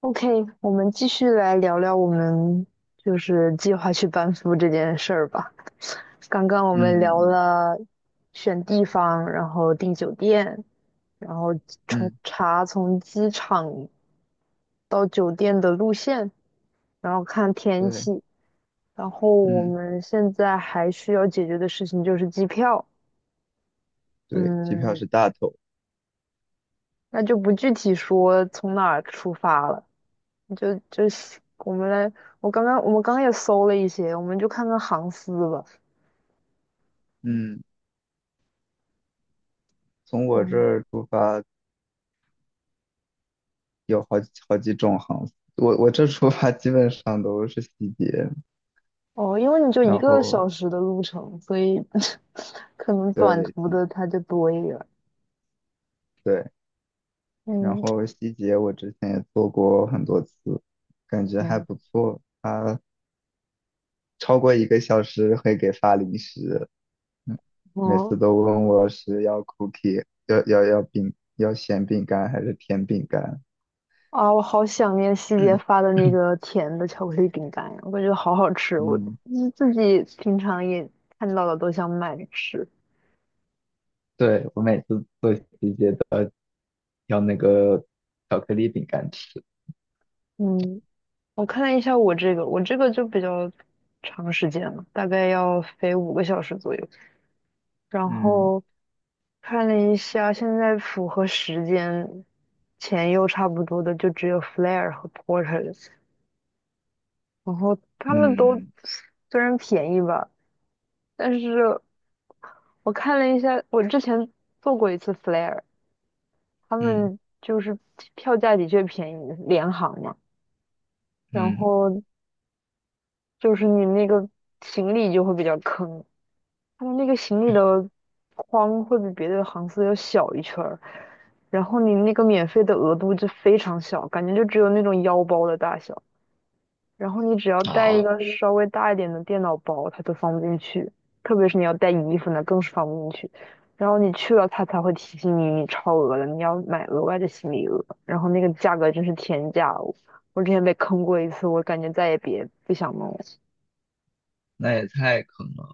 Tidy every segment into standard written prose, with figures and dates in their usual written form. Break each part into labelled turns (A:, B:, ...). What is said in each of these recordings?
A: OK，我们继续来聊聊我们就是计划去班夫这件事儿吧。刚刚我们
B: 嗯
A: 聊
B: 嗯
A: 了选地方，然后订酒店，然后
B: 嗯，
A: 从
B: 嗯
A: 查从机场到酒店的路线，然后看天
B: 对，
A: 气，然后我
B: 嗯
A: 们现在还需要解决的事情就是机票。
B: 对，机票
A: 嗯，
B: 是大头。
A: 那就不具体说从哪儿出发了。就是我们来，我们刚刚也搜了一些，我们就看看航司吧。
B: 嗯，从我这
A: 嗯，
B: 儿出发有好几种航司我这出发基本上都是西捷，
A: 哦，因为你就一
B: 然
A: 个
B: 后
A: 小时的路程，所以 可能短
B: 对
A: 途的它就多一点儿。
B: 对，然
A: 嗯，
B: 后西捷我之前也坐过很多次，感觉还
A: 嗯，
B: 不错。他超过1个小时会给发零食，嗯每
A: 哦
B: 次都问我是要 cookie，要饼，要咸饼干还是甜饼干。
A: 啊，我好想念西别发的那 个甜的巧克力饼干呀，我感觉好好吃，我就
B: 嗯，
A: 是自己平常也看到了都想买着吃。
B: 对，我每次做题节都要挑那个巧克力饼干吃。
A: 嗯，我看了一下我这个，我这个就比较长时间了，大概要飞5个小时左右。然
B: 嗯
A: 后看了一下，现在符合时间、钱又差不多的，就只有 Flair 和 Porter，然后他们都
B: 嗯
A: 虽然便宜吧，但是我看了一下，我之前做过一次 Flair，他
B: 嗯
A: 们就是票价的确便宜，联航嘛，然
B: 嗯，
A: 后就是你那个行李就会比较坑，他们那个行李的框会比别的航司要小一圈儿，然后你那个免费的额度就非常小，感觉就只有那种腰包的大小。然后你只要带一
B: 啊，
A: 个稍微大一点的电脑包，它都放不进去，特别是你要带衣服那更是放不进去。然后你去了，它才会提醒你你超额了，你要买额外的行李额。然后那个价格真是天价哦！我之前被坑过一次，我感觉再也别不想弄了。
B: 那也太坑了。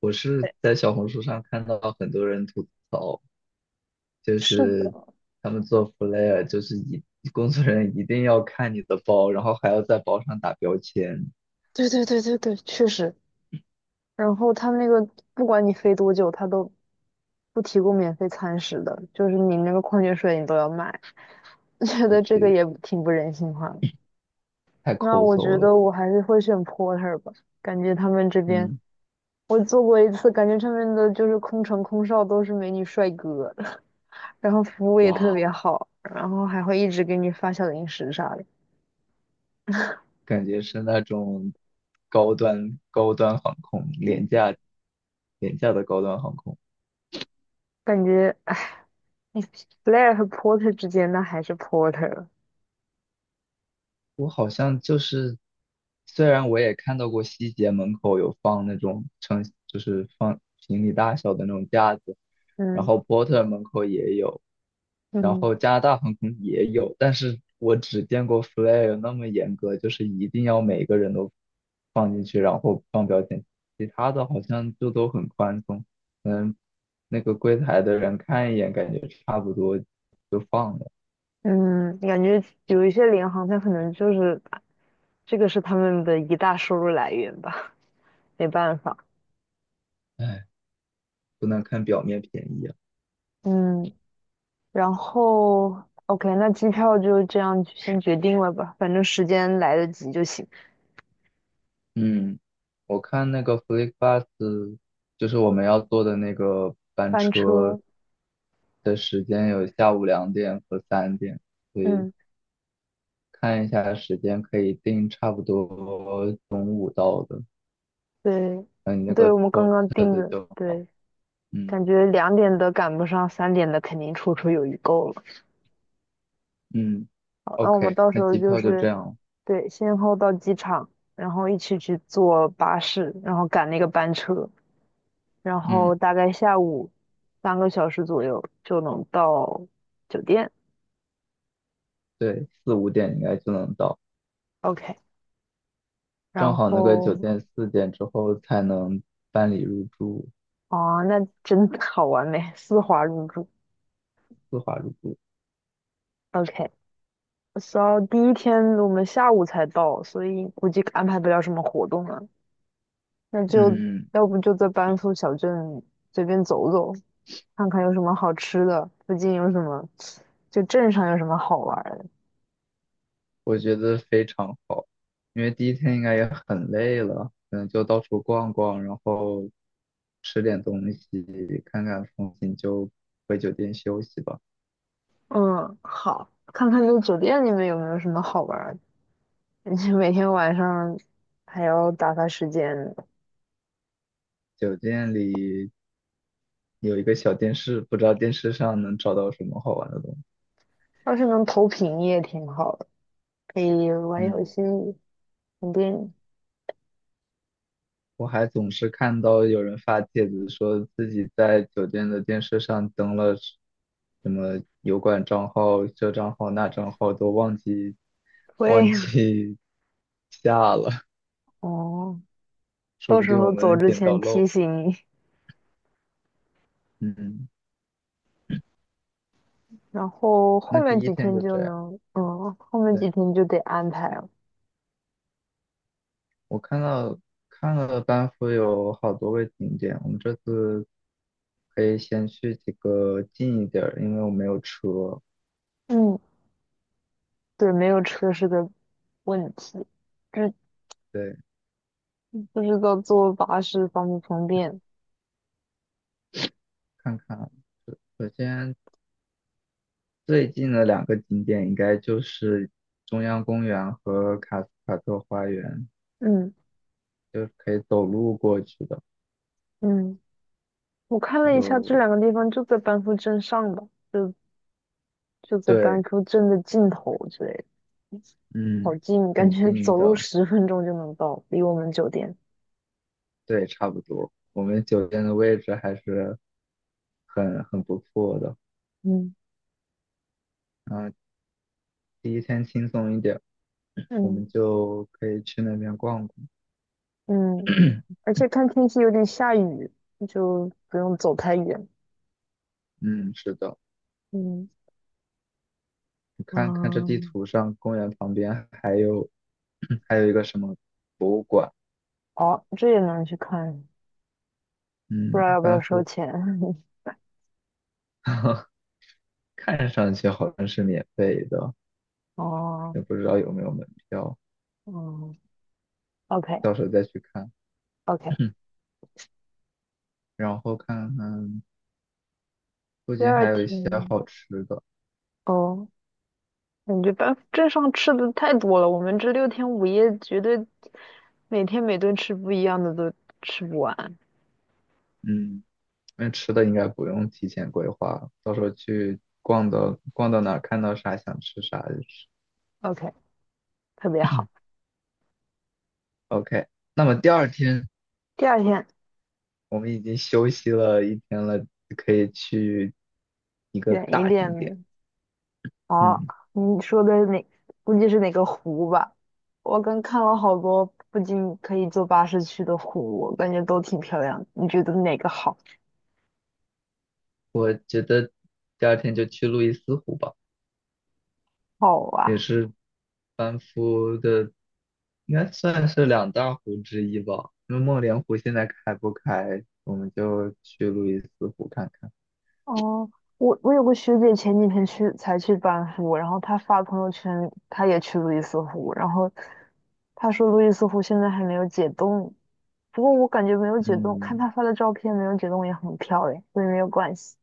B: 我是在小红书上看到很多人吐槽，就
A: 是
B: 是
A: 的，
B: 他们做 flair，就是一工作人员一定要看你的包，然后还要在包上打标签。
A: 对对对对对，确实，然后他们那个不管你飞多久，他都不提供免费餐食的，就是你那个矿泉水你都要买，觉
B: 我
A: 得这个
B: 去，
A: 也挺不人性化的。
B: 太
A: 那
B: 抠
A: 我
B: 搜
A: 觉
B: 了。
A: 得我还是会选 porter 吧，感觉他们这边
B: 嗯，
A: 我做过一次，感觉上面的就是空乘空少都是美女帅哥，然后服务也特
B: 哇。
A: 别好，然后还会一直给你发小零食啥的，
B: 感觉是那种高端航空，廉
A: 嗯
B: 价廉价的高端航空。
A: 感觉哎，Blair 和 porter 之间那还是 porter，
B: 我好像就是，虽然我也看到过西捷门口有放那种成就是放行李大小的那种架子，然
A: 嗯
B: 后波特门口也有，然
A: 嗯。
B: 后加拿大航空也有，但是我只见过 Flair 那么严格，就是一定要每个人都放进去，然后放标签，其他的好像就都很宽松，嗯，那个柜台的人看一眼，感觉差不多就放了，
A: 嗯，感觉有一些联行，它可能就是这个是他们的一大收入来源吧，没办法。
B: 哎，不能看表面便宜啊。
A: 嗯，然后 OK，那机票就这样先决定了吧，反正时间来得及就行。
B: 嗯，我看那个 FlixBus，就是我们要坐的那个班
A: 班
B: 车
A: 车，
B: 的时间有下午2点和3点，所以
A: 嗯，
B: 看一下时间可以定差不多中午到的。
A: 对，
B: 那你那
A: 对，
B: 个
A: 我们刚
B: port
A: 刚订
B: 的
A: 的，
B: 就好。
A: 对，
B: 嗯
A: 感觉2点的赶不上，3点的肯定绰绰有余够了。
B: 嗯
A: 好，那我们
B: ，OK，
A: 到时
B: 那
A: 候
B: 机
A: 就
B: 票就这
A: 是
B: 样。
A: 对，先后到机场，然后一起去坐巴士，然后赶那个班车。然
B: 嗯，
A: 后大概下午3个小时左右就能到酒店。
B: 对，四五点应该就能到，
A: OK，然
B: 正好那个酒
A: 后
B: 店4点之后才能办理入住，
A: 啊，那真的好完美，丝滑入住。
B: 丝滑入住。
A: OK，so 第一天我们下午才到，所以估计安排不了什么活动了。那就
B: 嗯。
A: 要不就在班夫小镇随便走走，看看有什么好吃的，附近有什么，就镇上有什么好玩儿的。
B: 我觉得非常好，因为第一天应该也很累了，可能就到处逛逛，然后吃点东西，看看风景，就回酒店休息吧。
A: 嗯，好，看看这个酒店里面有没有什么好玩儿的。你每天晚上还要打发时间，
B: 酒店里有一个小电视，不知道电视上能找到什么好玩的东西。
A: 要是能投屏也挺好的，可以玩游
B: 嗯，
A: 戏、肯定影。
B: 我还总是看到有人发帖子说自己在酒店的电视上登了什么油管账号、这账号、那账号，都忘记忘
A: 会
B: 记 下了。
A: 哦，
B: 说
A: 到
B: 不
A: 时
B: 定我
A: 候走
B: 们
A: 之
B: 捡到
A: 前提
B: 漏。
A: 醒你，
B: 嗯，
A: 然后后
B: 那
A: 面
B: 第一
A: 几
B: 天
A: 天
B: 就
A: 就
B: 这样。
A: 能，嗯，后面几
B: 对，
A: 天就得安排了。
B: 我看到看了班服有好多位景点，我们这次可以先去几个近一点儿，因为我没有车。
A: 嗯，对，没有车是个问题，这
B: 对，
A: 不知道坐巴士方不方便。
B: 看看。首首先最近的两个景点应该就是中央公园和卡斯卡特花园，
A: 嗯
B: 就是可以走路过去的。
A: 嗯，我看
B: 这
A: 了一下，
B: 个
A: 这两个地方就在班夫镇上吧。就就在
B: 对，
A: 班夫镇的尽头之类的，好
B: 嗯，
A: 近，感
B: 很
A: 觉
B: 近
A: 走路
B: 的，
A: 10分钟就能到，离我们酒店。
B: 对，差不多。我们酒店的位置还是很不错的。
A: 嗯
B: 啊、第一天轻松一点，我
A: 嗯
B: 们就可以去那边逛逛。
A: 嗯，而且看天气有点下雨，就不用走太远。
B: 嗯，是的，
A: 嗯
B: 你看看这地
A: 嗯，
B: 图上，公园旁边还有 还有一个什么馆？
A: 哦，这也能去看，不知
B: 嗯，
A: 道要不要
B: 班
A: 收
B: 夫，
A: 钱。
B: 看上去好像是免费的，
A: 哦，
B: 也不知道有没有门票，
A: 哦 o k
B: 到时候再去看。
A: OK。
B: 然后看看附
A: 第
B: 近
A: 二
B: 还有一些
A: 天，
B: 好吃的，
A: 哦，感觉班夫镇上吃的太多了，我们这6天5夜绝对每天每顿吃不一样的都吃不完。
B: 嗯，那吃的应该不用提前规划，到时候去逛的，逛到哪儿看到啥想吃啥就吃。
A: OK，特别好。
B: OK，那么第二天
A: 第二天
B: 我们已经休息了一天了，就可以去一个
A: 远一
B: 大景点。
A: 点，哦，
B: 嗯，
A: 你说的哪？估计是哪个湖吧？我刚看了好多附近可以坐巴士去的湖，我感觉都挺漂亮的你觉得哪个好？
B: 我觉得第二天就去路易斯湖吧，
A: 好啊！
B: 也是班夫的，应该算是两大湖之一吧。因为梦莲湖现在开不开，我们就去路易斯湖看看。
A: 哦，我有个学姐前几天才去班夫，然后她发朋友圈，她也去路易斯湖，然后她说路易斯湖现在还没有解冻，不过我感觉没有解冻，看
B: 嗯，
A: 她发的照片没有解冻也很漂亮，所以没有关系，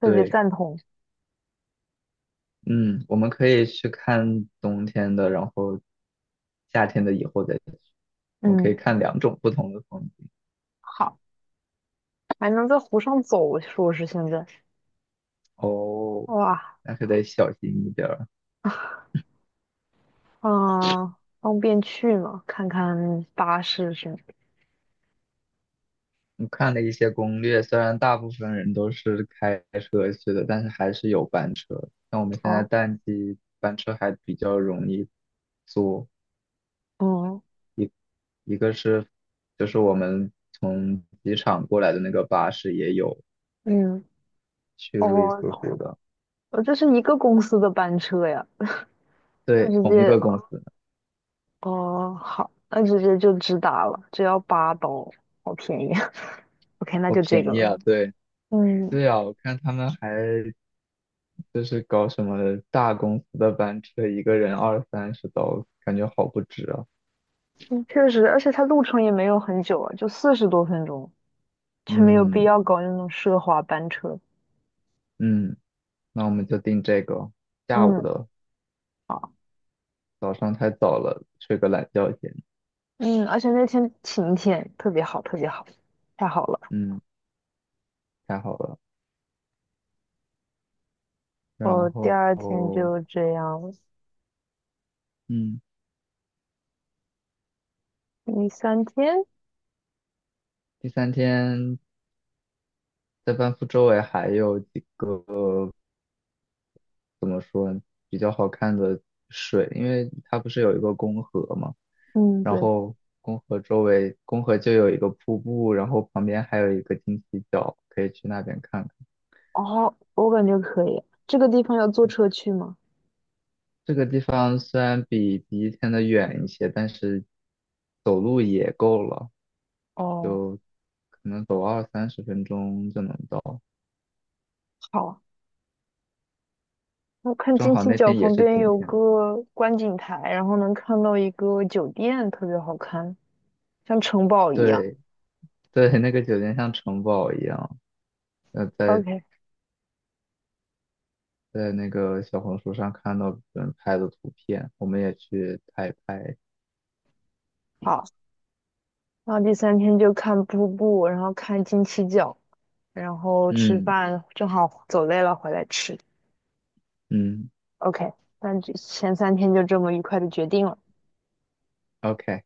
A: 特别
B: 对，
A: 赞同。
B: 嗯，我们可以去看冬天的，然后夏天的以后再去，我们可以
A: 嗯。
B: 看两种不同的风景。
A: 好，还能在湖上走，说是现在，
B: 哦，
A: 哇，
B: 那可得小心一点儿。
A: 啊，方便去吗？看看巴士是
B: 我看了一些攻略，虽然大部分人都是开车去的，但是还是有班车。像我们现在
A: 哦，
B: 淡季，班车还比较容易坐。
A: 嗯
B: 一个是，就是我们从机场过来的那个巴士也有
A: 嗯，
B: 去路易斯
A: 哦，
B: 湖的，
A: 呃这是一个公司的班车呀，那
B: 对，
A: 直
B: 同一
A: 接
B: 个公司，
A: 哦，好，那直接就直达了，只要8刀，好便宜。OK，那
B: 好
A: 就这
B: 便
A: 个
B: 宜
A: 了。
B: 啊！对，
A: 嗯，
B: 对啊，我看他们还就是搞什么大公司的班车，一个人二三十刀，感觉好不值啊。
A: 嗯确实，而且它路程也没有很久啊，就40多分钟，就没有必
B: 嗯
A: 要搞那种奢华班车。
B: 嗯，那我们就定这个下午
A: 嗯。
B: 的，
A: 好。
B: 早上太早了，睡个懒觉先。
A: 嗯，而且那天晴天，特别好，特别好，太好了。
B: 嗯，太好了。然
A: 哦，第
B: 后，
A: 二天就这样，
B: 嗯，
A: 第三天，
B: 第三天在班夫周围还有几个怎么说比较好看的水，因为它不是有一个公河嘛，
A: 嗯，
B: 然
A: 对，
B: 后公河周围，公河就有一个瀑布，然后旁边还有一个金鸡角，可以去那边看
A: 哦，我感觉可以。这个地方要坐车去吗？
B: 这个地方虽然比第一天的远一些，但是走路也够了，
A: 哦，
B: 可能走二三十分钟就能到。
A: 好。我看
B: 正
A: 金
B: 好
A: 七
B: 那
A: 角
B: 天也
A: 旁
B: 是
A: 边
B: 晴
A: 有
B: 天，
A: 个观景台，然后能看到一个酒店，特别好看，像城堡一样。
B: 对对，那个酒店像城堡一样。呃，在
A: OK，
B: 在那个小红书上看到别人拍的图片，我们也去拍一拍。
A: 好。然后第三天就看瀑布，然后看金七角，然后吃
B: 嗯
A: 饭，正好走累了回来吃。
B: 嗯
A: OK，那就前三天就这么愉快的决定了。
B: ，OK。